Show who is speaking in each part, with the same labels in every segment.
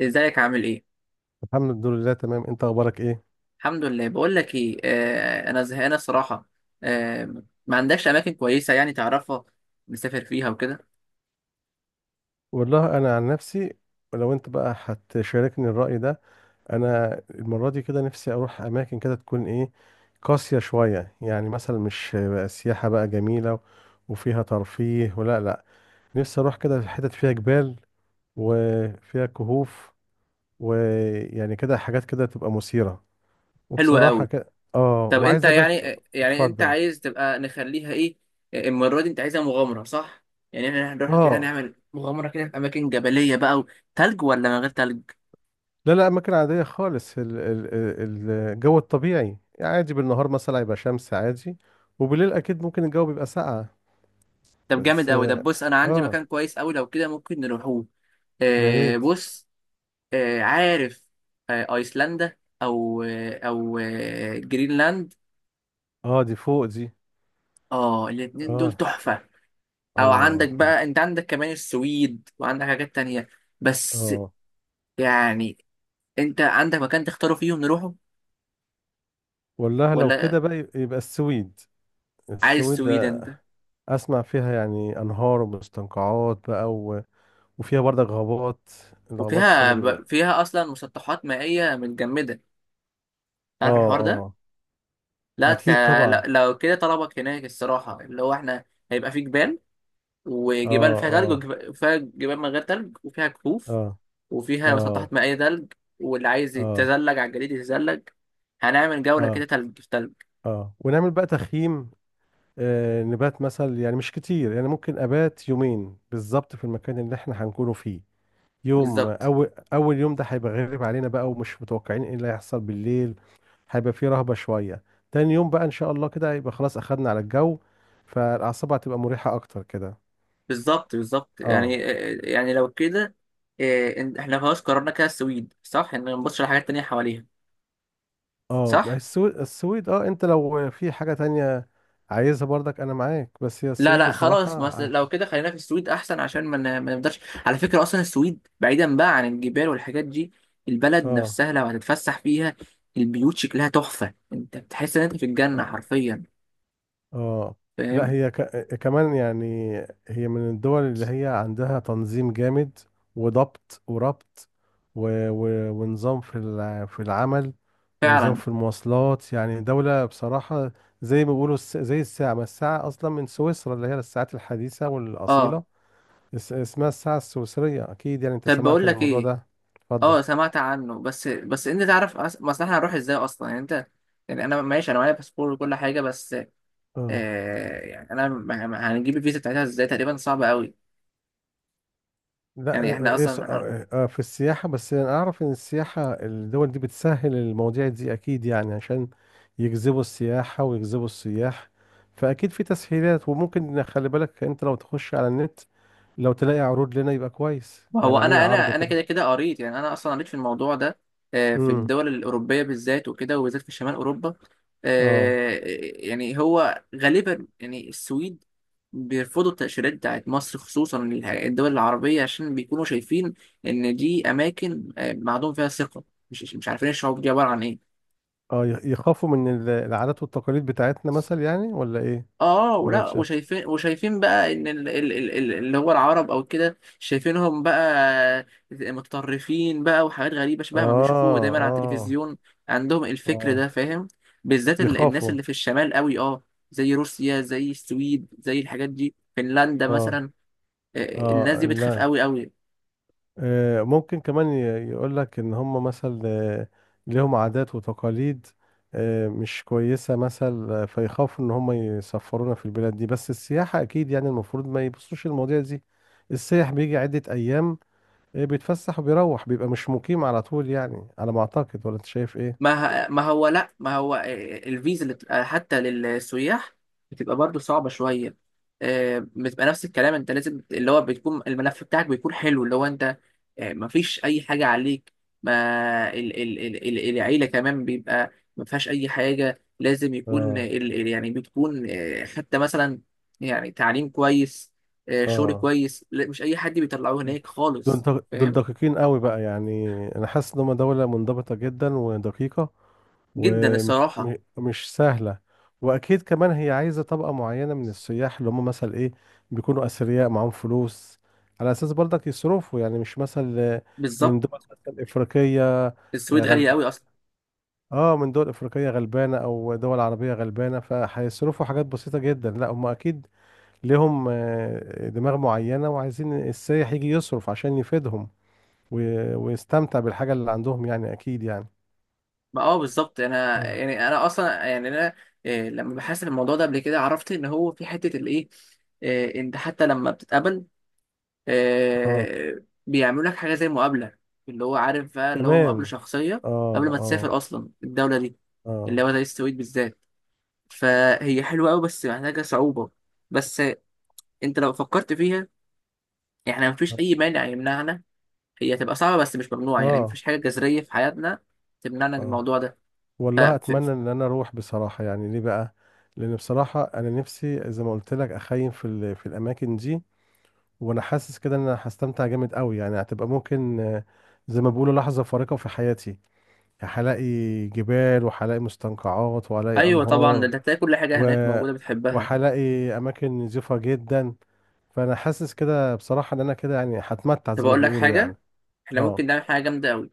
Speaker 1: ازيك عامل ايه؟
Speaker 2: الحمد لله تمام، انت اخبارك ايه؟
Speaker 1: الحمد لله. بقول لك ايه، انا زهقانه صراحه. آه ما عندكش اماكن كويسه يعني تعرفها، نسافر فيها وكده؟
Speaker 2: والله انا عن نفسي، لو انت بقى هتشاركني الرأي ده، انا المرة دي كده نفسي اروح اماكن كده تكون ايه، قاسية شوية. يعني مثلا مش بقى سياحة بقى جميلة وفيها ترفيه ولا لا. نفسي اروح كده في حتت فيها جبال وفيها كهوف، ويعني كده حاجات كده تبقى مثيرة.
Speaker 1: حلوه
Speaker 2: وبصراحة
Speaker 1: قوي.
Speaker 2: كده
Speaker 1: طب انت
Speaker 2: وعايزة بس.
Speaker 1: يعني يعني انت
Speaker 2: اتفضل.
Speaker 1: عايز تبقى نخليها ايه؟ المره دي انت عايزها مغامره، صح؟ يعني احنا هنروح كده
Speaker 2: اه
Speaker 1: نعمل مغامره كده في اماكن جبليه بقى، وتلج ولا من غير تلج؟
Speaker 2: لا لا، أماكن عادية خالص. الجو الطبيعي يعني عادي، بالنهار مثلا هيبقى شمس عادي، وبالليل أكيد ممكن الجو بيبقى ساقع.
Speaker 1: طب جامد
Speaker 2: بس
Speaker 1: قوي. طب بص، انا عندي
Speaker 2: آه
Speaker 1: مكان كويس قوي، لو كده ممكن نروحوه.
Speaker 2: يا ريت.
Speaker 1: بص. عارف، ايسلندا، او جرينلاند.
Speaker 2: دي فوق دي.
Speaker 1: اه، الاتنين دول
Speaker 2: آه
Speaker 1: تحفة. او عندك
Speaker 2: آه
Speaker 1: بقى، انت عندك كمان السويد وعندك حاجات تانية، بس
Speaker 2: آه
Speaker 1: يعني انت عندك مكان تختاره فيه ونروحه؟
Speaker 2: والله لو كده
Speaker 1: ولا
Speaker 2: بقى يبقى السويد.
Speaker 1: عايز
Speaker 2: السويد.
Speaker 1: السويد انت؟
Speaker 2: أسمع فيها يعني أنهار ومستنقعات بقى وفيها برضك غابات، الغابات كده
Speaker 1: وفيها
Speaker 2: بيبقى.
Speaker 1: فيها اصلا مسطحات مائية متجمدة.
Speaker 2: آه
Speaker 1: عارف الحوار ده؟
Speaker 2: آه
Speaker 1: لا.
Speaker 2: أكيد
Speaker 1: لا،
Speaker 2: طبعا.
Speaker 1: لو كده طلبك هناك الصراحة اللي هو احنا، هيبقى في جبال، وجبال
Speaker 2: آه
Speaker 1: فيها تلج،
Speaker 2: آه
Speaker 1: وفيها جبال من غير تلج، وفيها كهوف،
Speaker 2: آه
Speaker 1: وفيها
Speaker 2: آه
Speaker 1: مسطحات مائية تلج. واللي عايز
Speaker 2: آه
Speaker 1: يتزلج على الجليد يتزلج. هنعمل جولة كده،
Speaker 2: آه
Speaker 1: تلج في تلج.
Speaker 2: اه ونعمل بقى تخييم. نبات مثلا، يعني مش كتير، يعني ممكن ابات يومين بالظبط في المكان اللي احنا هنكونه فيه. يوم
Speaker 1: بالظبط،
Speaker 2: اول، اول يوم ده هيبقى غريب علينا بقى، ومش متوقعين ايه اللي هيحصل بالليل. هيبقى فيه رهبة شوية. تاني يوم بقى ان شاء الله كده هيبقى خلاص اخدنا على الجو، فالاعصاب هتبقى مريحة اكتر كده.
Speaker 1: بالظبط، بالظبط يعني.
Speaker 2: اه
Speaker 1: يعني لو كده احنا خلاص قررنا كده السويد، صح؟ ان ما نبصش على حاجات تانية حواليها،
Speaker 2: اه ما هي
Speaker 1: صح؟
Speaker 2: السويد، السويد. اه انت لو في حاجة تانية عايزها برضك انا معاك، بس هي
Speaker 1: لا
Speaker 2: السويد
Speaker 1: لا،
Speaker 2: بصراحة
Speaker 1: خلاص، بس لو كده خلينا في السويد احسن عشان ما نقدرش. على فكرة اصلا السويد بعيدا بقى عن الجبال والحاجات دي، البلد
Speaker 2: اه
Speaker 1: نفسها لو هتتفسح فيها، البيوت شكلها تحفة، انت بتحس ان انت في الجنة حرفيا.
Speaker 2: اه لا.
Speaker 1: فاهم؟
Speaker 2: هي ك... آه، كمان يعني هي من الدول اللي هي عندها تنظيم جامد وضبط وربط، و... ونظام في في العمل، ونظام
Speaker 1: فعلا.
Speaker 2: في المواصلات. يعني دولة بصراحة زي ما بيقولوا زي الساعة. ما الساعة أصلا من سويسرا، اللي هي الساعات الحديثة
Speaker 1: اه،
Speaker 2: والأصيلة. اسمها الساعة السويسرية، أكيد يعني أنت
Speaker 1: طب
Speaker 2: سمعت
Speaker 1: بقول
Speaker 2: عن
Speaker 1: لك
Speaker 2: الموضوع
Speaker 1: ايه.
Speaker 2: ده. اتفضل.
Speaker 1: اه سمعت عنه، بس انت تعرف، مثلا احنا هنروح ازاي اصلا يعني انت؟ يعني انا ماشي، انا معايا باسبور وكل حاجه، بس
Speaker 2: اه
Speaker 1: يعني انا هنجيب الفيزا بتاعتها ازاي؟ تقريبا صعبه قوي،
Speaker 2: لا.
Speaker 1: يعني احنا
Speaker 2: إيه س-
Speaker 1: اصلا.
Speaker 2: آه، آه، آه، في السياحة، بس أنا أعرف إن السياحة، الدول دي بتسهل المواضيع دي أكيد، يعني عشان يجذبوا السياحة ويجذبوا السياح. فأكيد في تسهيلات. وممكن خلي بالك، أنت لو تخش على النت لو تلاقي عروض لنا يبقى كويس،
Speaker 1: ما هو
Speaker 2: يعني عاملين
Speaker 1: انا
Speaker 2: عرض
Speaker 1: انا انا
Speaker 2: كده.
Speaker 1: كده قريت، يعني انا اصلا قريت في الموضوع ده. في
Speaker 2: امم
Speaker 1: الدول الاوروبيه بالذات وكده، وبالذات في شمال اوروبا.
Speaker 2: اه
Speaker 1: آه، يعني هو غالبا، يعني السويد بيرفضوا التأشيرات بتاعت مصر، خصوصا الدول العربيه، عشان بيكونوا شايفين ان دي اماكن معدوم فيها ثقه. مش عارفين الشعوب دي عباره عن ايه.
Speaker 2: اه يخ- يخافوا من العادات والتقاليد بتاعتنا مثلا، يعني ولا إيه؟
Speaker 1: اه،
Speaker 2: ولا أنت
Speaker 1: ولا،
Speaker 2: شايف؟
Speaker 1: وشايفين بقى ان اللي هو العرب او كده، شايفينهم بقى متطرفين بقى وحاجات غريبه شبه ما بيشوفوه
Speaker 2: آه
Speaker 1: دايما على
Speaker 2: آه
Speaker 1: التلفزيون. عندهم الفكر
Speaker 2: آه
Speaker 1: ده، فاهم؟ بالذات الناس
Speaker 2: بيخافوا.
Speaker 1: اللي في الشمال قوي، اه. زي روسيا، زي السويد، زي الحاجات دي، فنلندا
Speaker 2: آه
Speaker 1: مثلا. الناس دي بتخاف
Speaker 2: لا.
Speaker 1: قوي قوي.
Speaker 2: ممكن كمان يقول لك ان هم مثلا ليهم عادات وتقاليد مش كويسة مثلا، فيخافوا ان هم يسفرونا في البلاد دي. بس السياحة اكيد، يعني المفروض ما يبصوش المواضيع دي. السياح بيجي عدة ايام، بيتفسح وبيروح، بيبقى مش مقيم على طول، يعني على ما اعتقد. ولا انت شايف ايه؟
Speaker 1: ما هو، لا، ما هو الفيزا اللي بتبقى حتى للسياح بتبقى برضو صعبة شوية. بتبقى نفس الكلام، انت لازم اللي هو بتكون الملف بتاعك بيكون حلو، اللي هو انت ما فيش اي حاجة عليك. ما ال ال ال ال العيلة كمان بيبقى ما فيهاش اي حاجة، لازم يكون ال
Speaker 2: اه
Speaker 1: ال يعني بتكون، حتى مثلا يعني تعليم كويس، شغل
Speaker 2: اه
Speaker 1: كويس. لا، مش اي حد بيطلعوه هناك
Speaker 2: دول
Speaker 1: خالص،
Speaker 2: دول
Speaker 1: فاهم؟
Speaker 2: دقيقين قوي بقى، يعني انا حاسس ان هم دولة منضبطة جدا ودقيقة،
Speaker 1: جدا
Speaker 2: ومش
Speaker 1: الصراحة.
Speaker 2: مش سهلة. وأكيد كمان هي عايزة طبقة معينة من السياح، اللي هم مثلا إيه، بيكونوا أثرياء معاهم فلوس، على أساس برضك يصرفوا. يعني مش مثلا
Speaker 1: بالظبط.
Speaker 2: من دول مثلا إفريقية
Speaker 1: السويد غالية قوي
Speaker 2: غلبانة.
Speaker 1: اصلا.
Speaker 2: آه من دول إفريقية غلبانة أو دول عربية غلبانة، فهيصرفوا حاجات بسيطة جدا. لا هم أكيد لهم دماغ معينة، وعايزين السائح يجي يصرف عشان يفيدهم، واستمتع بالحاجة اللي عندهم، يعني أكيد يعني.
Speaker 1: ما اه، بالظبط، انا
Speaker 2: اه
Speaker 1: يعني انا اصلا، يعني انا لما بحثت في الموضوع ده قبل كده، عرفت ان هو في حته الايه. انت حتى لما بتتقابل،
Speaker 2: اه
Speaker 1: بيعملوا لك حاجه زي مقابله، اللي هو عارف بقى، اللي هو مقابله
Speaker 2: كمان.
Speaker 1: شخصيه،
Speaker 2: اه
Speaker 1: قبل ما
Speaker 2: اه
Speaker 1: تسافر اصلا الدوله دي، اللي
Speaker 2: اه
Speaker 1: هو زي السويد بالذات. فهي حلوه قوي بس محتاجه صعوبه. بس انت لو فكرت فيها، احنا مفيش اي مانع يمنعنا. هي هتبقى صعبه بس مش ممنوعه، يعني
Speaker 2: اه
Speaker 1: مفيش حاجه جذريه في حياتنا تمنعنا من
Speaker 2: اه
Speaker 1: الموضوع ده.
Speaker 2: والله اتمنى ان انا اروح بصراحه، يعني ليه بقى؟ لان بصراحه انا نفسي زي ما قلت لك، اخيم في في الاماكن دي. وانا حاسس كده ان انا هستمتع جامد قوي. يعني هتبقى ممكن زي ما بيقولوا لحظه فارقه في حياتي. هلاقي جبال وهلاقي مستنقعات وهلاقي
Speaker 1: ايوه طبعا، ده
Speaker 2: انهار،
Speaker 1: انت هتلاقي كل حاجه هناك
Speaker 2: و-
Speaker 1: موجوده بتحبها.
Speaker 2: وهلاقي اماكن نظيفه جدا. فانا حاسس كده بصراحه ان انا كده يعني هتمتع
Speaker 1: طب
Speaker 2: زي ما
Speaker 1: اقول لك
Speaker 2: بيقولوا
Speaker 1: حاجه،
Speaker 2: يعني.
Speaker 1: احنا
Speaker 2: اه
Speaker 1: ممكن نعمل حاجه جامده قوي.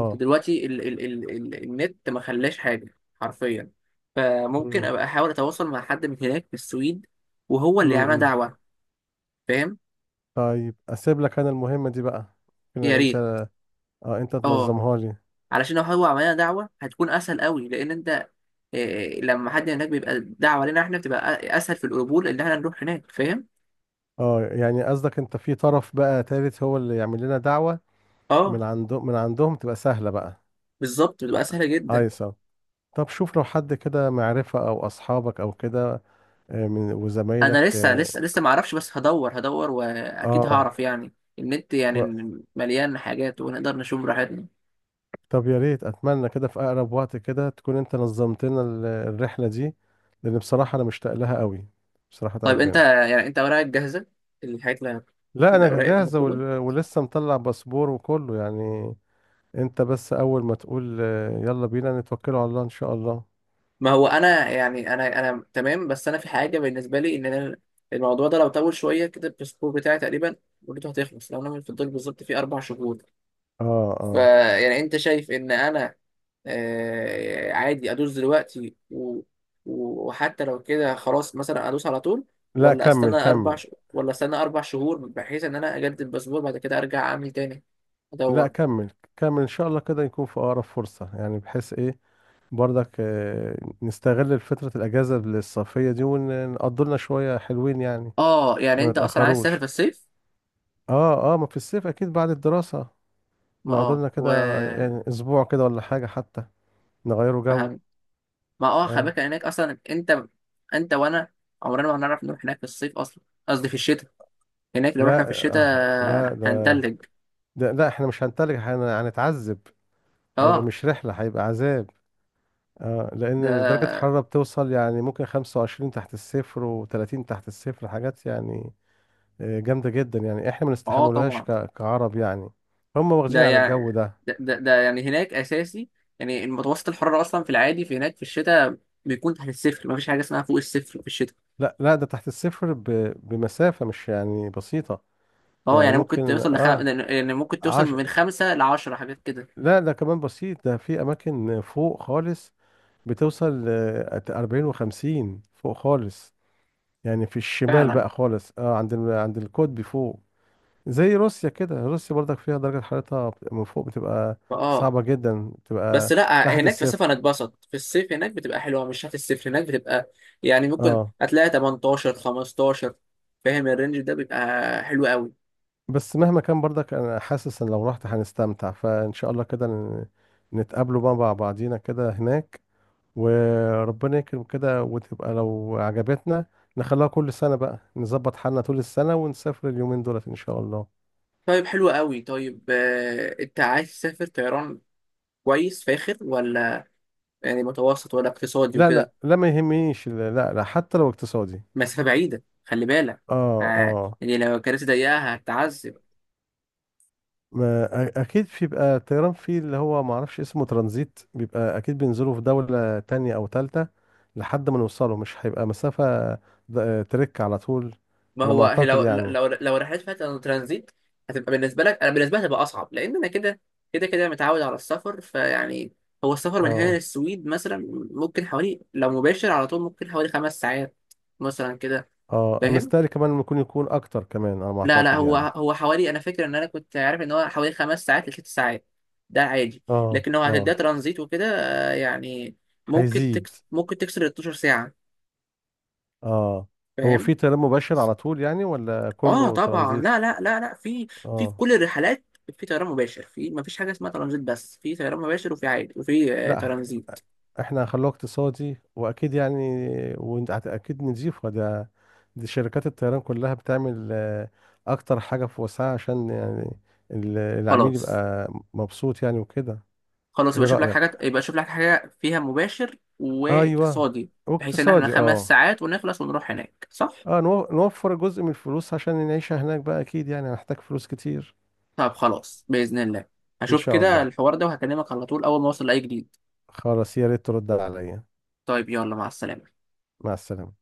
Speaker 1: انت دلوقتي ال ال ال ال النت ما خلاش حاجه حرفيا. فممكن
Speaker 2: امم
Speaker 1: ابقى احاول اتواصل مع حد من هناك في السويد، وهو اللي يعمل
Speaker 2: امم
Speaker 1: دعوه. فاهم؟
Speaker 2: طيب اسيب لك انا المهمه دي بقى،
Speaker 1: يا
Speaker 2: كده انت.
Speaker 1: ريت.
Speaker 2: اه انت
Speaker 1: اه،
Speaker 2: تنظمها لي.
Speaker 1: علشان لو هو عملنا دعوه هتكون اسهل قوي، لان انت لما حد هناك بيبقى دعوه لنا احنا، بتبقى اسهل في القبول ان احنا نروح هناك، فاهم؟
Speaker 2: اه يعني قصدك انت في طرف بقى تالت هو اللي يعمل لنا دعوه،
Speaker 1: اه،
Speaker 2: من عنده، من عندهم تبقى سهله بقى.
Speaker 1: بالظبط، بتبقى
Speaker 2: آه،
Speaker 1: سهله جدا.
Speaker 2: ايسر. طب شوف لو حد كده معرفه او اصحابك او كده، من
Speaker 1: انا
Speaker 2: وزمايلك.
Speaker 1: لسه ما اعرفش، بس هدور
Speaker 2: اه
Speaker 1: واكيد
Speaker 2: آه،
Speaker 1: هعرف يعني. النت يعني مليان حاجات ونقدر نشوف براحتنا.
Speaker 2: طب يا ريت اتمنى كده في اقرب وقت كده تكون انت نظمت لنا الرحله دي، لان بصراحه انا مشتاق لها قوي. بصراحه
Speaker 1: طيب انت
Speaker 2: ربنا.
Speaker 1: يعني، انت اوراقك جاهزه، الحاجات اللي،
Speaker 2: لا انا
Speaker 1: الاوراق
Speaker 2: جاهزه،
Speaker 1: المطلوبه؟
Speaker 2: ولسه مطلع باسبور وكله يعني. انت بس اول ما تقول يلا بينا نتوكلوا على الله ان شاء الله.
Speaker 1: ما هو انا يعني، انا تمام، بس انا في حاجه بالنسبه لي ان انا، الموضوع ده لو طول شويه كده، الباسبور بتاعي تقريبا مدته هتخلص لو انا في الدول بالظبط في 4 شهور.
Speaker 2: اه اه
Speaker 1: فيعني انت شايف ان انا عادي ادوس دلوقتي، وحتى لو كده خلاص مثلا ادوس على طول؟
Speaker 2: لا
Speaker 1: ولا
Speaker 2: كمل
Speaker 1: استنى
Speaker 2: كمل.
Speaker 1: ولا استنى 4 شهور بحيث ان انا اجدد الباسبور بعد كده ارجع اعمل تاني،
Speaker 2: لا
Speaker 1: ادور؟
Speaker 2: كمل كمل، ان شاء الله كده يكون في اقرب فرصه، يعني بحيث ايه، برضك نستغل فتره الاجازه الصيفيه دي ونقضوا لنا شويه حلوين يعني.
Speaker 1: اه، يعني
Speaker 2: ما
Speaker 1: انت اصلا عايز تسافر في
Speaker 2: نتاخروش.
Speaker 1: الصيف؟
Speaker 2: اه ما في الصيف اكيد بعد الدراسة،
Speaker 1: ما
Speaker 2: نقعد
Speaker 1: اه،
Speaker 2: لنا
Speaker 1: و،
Speaker 2: كده يعني اسبوع كده ولا حاجة، حتى نغيره جو.
Speaker 1: فهم. ما اه، خلي
Speaker 2: اه
Speaker 1: بالك هناك اصلا، انت وانا عمرنا ما هنعرف نروح هناك في الصيف، اصلا قصدي في الشتاء. هناك لو رحنا
Speaker 2: لا.
Speaker 1: في
Speaker 2: لا
Speaker 1: الشتاء
Speaker 2: ده،
Speaker 1: هنتلج.
Speaker 2: لا احنا مش هنتلج، هنتعذب. هيبقى
Speaker 1: اه
Speaker 2: مش رحلة، هيبقى عذاب. اه
Speaker 1: ده.
Speaker 2: لان درجة الحرارة بتوصل يعني ممكن 25 تحت الصفر و30 تحت الصفر، حاجات يعني جامدة جدا. يعني احنا ما
Speaker 1: اه
Speaker 2: نستحملوهاش
Speaker 1: طبعا.
Speaker 2: كعرب يعني. هم واخدين
Speaker 1: ده
Speaker 2: على الجو
Speaker 1: يعني،
Speaker 2: ده.
Speaker 1: ده يعني هناك اساسي. يعني المتوسط الحراره اصلا في العادي، في هناك في الشتاء، بيكون تحت الصفر، مفيش حاجه اسمها فوق الصفر في الشتاء.
Speaker 2: لا لا، ده تحت الصفر بمسافة مش يعني بسيطة.
Speaker 1: اه،
Speaker 2: يعني
Speaker 1: يعني ممكن
Speaker 2: ممكن.
Speaker 1: توصل
Speaker 2: اه
Speaker 1: يعني ممكن توصل من 5 لـ 10 حاجات كده.
Speaker 2: لا ده كمان بسيط، ده في اماكن فوق خالص بتوصل ل 40 و50 فوق خالص. يعني في الشمال
Speaker 1: فعلا.
Speaker 2: بقى خالص، اه عند عند القطب فوق. زي روسيا كده، روسيا برضك فيها درجة حرارتها من فوق بتبقى
Speaker 1: فاه.
Speaker 2: صعبة جدا،
Speaker 1: بس
Speaker 2: بتبقى
Speaker 1: لا،
Speaker 2: تحت
Speaker 1: هناك في الصيف
Speaker 2: الصفر.
Speaker 1: هنتبسط، في الصيف هناك بتبقى حلوه، مش تحت الصفر هناك بتبقى، يعني ممكن
Speaker 2: اه
Speaker 1: هتلاقي 18 15. فاهم، الرينج ده بيبقى حلو قوي.
Speaker 2: بس مهما كان برضك انا حاسس ان لو رحت هنستمتع. فان شاء الله كده نتقابلوا بقى مع بعضينا كده هناك. وربنا يكرم كده، وتبقى لو عجبتنا نخليها كل سنة بقى، نظبط حالنا طول السنة ونسافر اليومين دولت إن شاء الله.
Speaker 1: طيب حلو قوي. طيب، انت عايز تسافر طيران كويس فاخر، ولا يعني متوسط، ولا اقتصادي
Speaker 2: لا
Speaker 1: وكده؟
Speaker 2: لا لا ما يهمنيش، لا لا لا، حتى لو اقتصادي.
Speaker 1: مسافة بعيدة خلي بالك.
Speaker 2: اه
Speaker 1: ها،
Speaker 2: اه
Speaker 1: يعني لو الكراسي ضيقة هتتعذب.
Speaker 2: ما اكيد بيبقى الطيران فيه اللي هو ما اعرفش اسمه ترانزيت، بيبقى اكيد بينزلوا في دولة تانية او تالتة لحد ما نوصله، مش هيبقى مسافة ترك على طول.
Speaker 1: ما
Speaker 2: على ما
Speaker 1: هو هي
Speaker 2: اعتقد
Speaker 1: لو
Speaker 2: يعني.
Speaker 1: لو لو رحلات فيها ترانزيت هتبقى بالنسبة لك، أنا بالنسبة لي هتبقى أصعب، لأن أنا كده متعود على السفر، فيعني، هو السفر من هنا
Speaker 2: اه
Speaker 1: للسويد مثلا ممكن حوالي، لو مباشر على طول، ممكن حوالي 5 ساعات مثلا كده،
Speaker 2: اه
Speaker 1: فاهم؟
Speaker 2: مستاهل كمان، ممكن يكون اكتر كمان على ما
Speaker 1: لا لا،
Speaker 2: اعتقد
Speaker 1: هو
Speaker 2: يعني.
Speaker 1: هو حوالي، انا فاكر ان انا كنت عارف ان هو حوالي 5 ساعات لـ 6 ساعات، ده عادي.
Speaker 2: اه
Speaker 1: لكن هو هتديها
Speaker 2: اه
Speaker 1: ترانزيت وكده، يعني
Speaker 2: هيزيد.
Speaker 1: ممكن تكسر ال 12 ساعه،
Speaker 2: اه هو
Speaker 1: فاهم؟
Speaker 2: في تنام مباشر على طول يعني ولا
Speaker 1: اه
Speaker 2: كله
Speaker 1: طبعا،
Speaker 2: ترانزيت؟
Speaker 1: لا، لا، لا، لا، في
Speaker 2: اه
Speaker 1: كل الرحلات، في طيران مباشر، في ما فيش حاجه اسمها ترانزيت، بس في طيران مباشر، وفي عادي، وفي
Speaker 2: لا
Speaker 1: ترانزيت.
Speaker 2: احنا هنخلوه اقتصادي واكيد يعني، وانت اكيد نضيفه ده. دي شركات الطيران كلها بتعمل اكتر حاجة في وسعها عشان يعني العميل
Speaker 1: خلاص.
Speaker 2: يبقى مبسوط يعني وكده.
Speaker 1: خلاص يبقى
Speaker 2: ايه
Speaker 1: شوف لك حاجه،
Speaker 2: رأيك؟
Speaker 1: يبقى شوف لك حاجه فيها مباشر
Speaker 2: ايوه،
Speaker 1: واقتصادي، بحيث ان احنا
Speaker 2: واقتصادي
Speaker 1: خمس
Speaker 2: اه.
Speaker 1: ساعات ونخلص ونروح هناك، صح؟
Speaker 2: اه نو- نوفر جزء من الفلوس عشان نعيشها هناك بقى، اكيد يعني هنحتاج فلوس كتير.
Speaker 1: طب خلاص، بإذن الله
Speaker 2: ان
Speaker 1: هشوف
Speaker 2: شاء
Speaker 1: كده
Speaker 2: الله.
Speaker 1: الحوار ده، وهكلمك على طول أول ما أوصل لأي جديد.
Speaker 2: خلاص يا ريت ترد عليا.
Speaker 1: طيب يلا، مع السلامة.
Speaker 2: مع السلامة.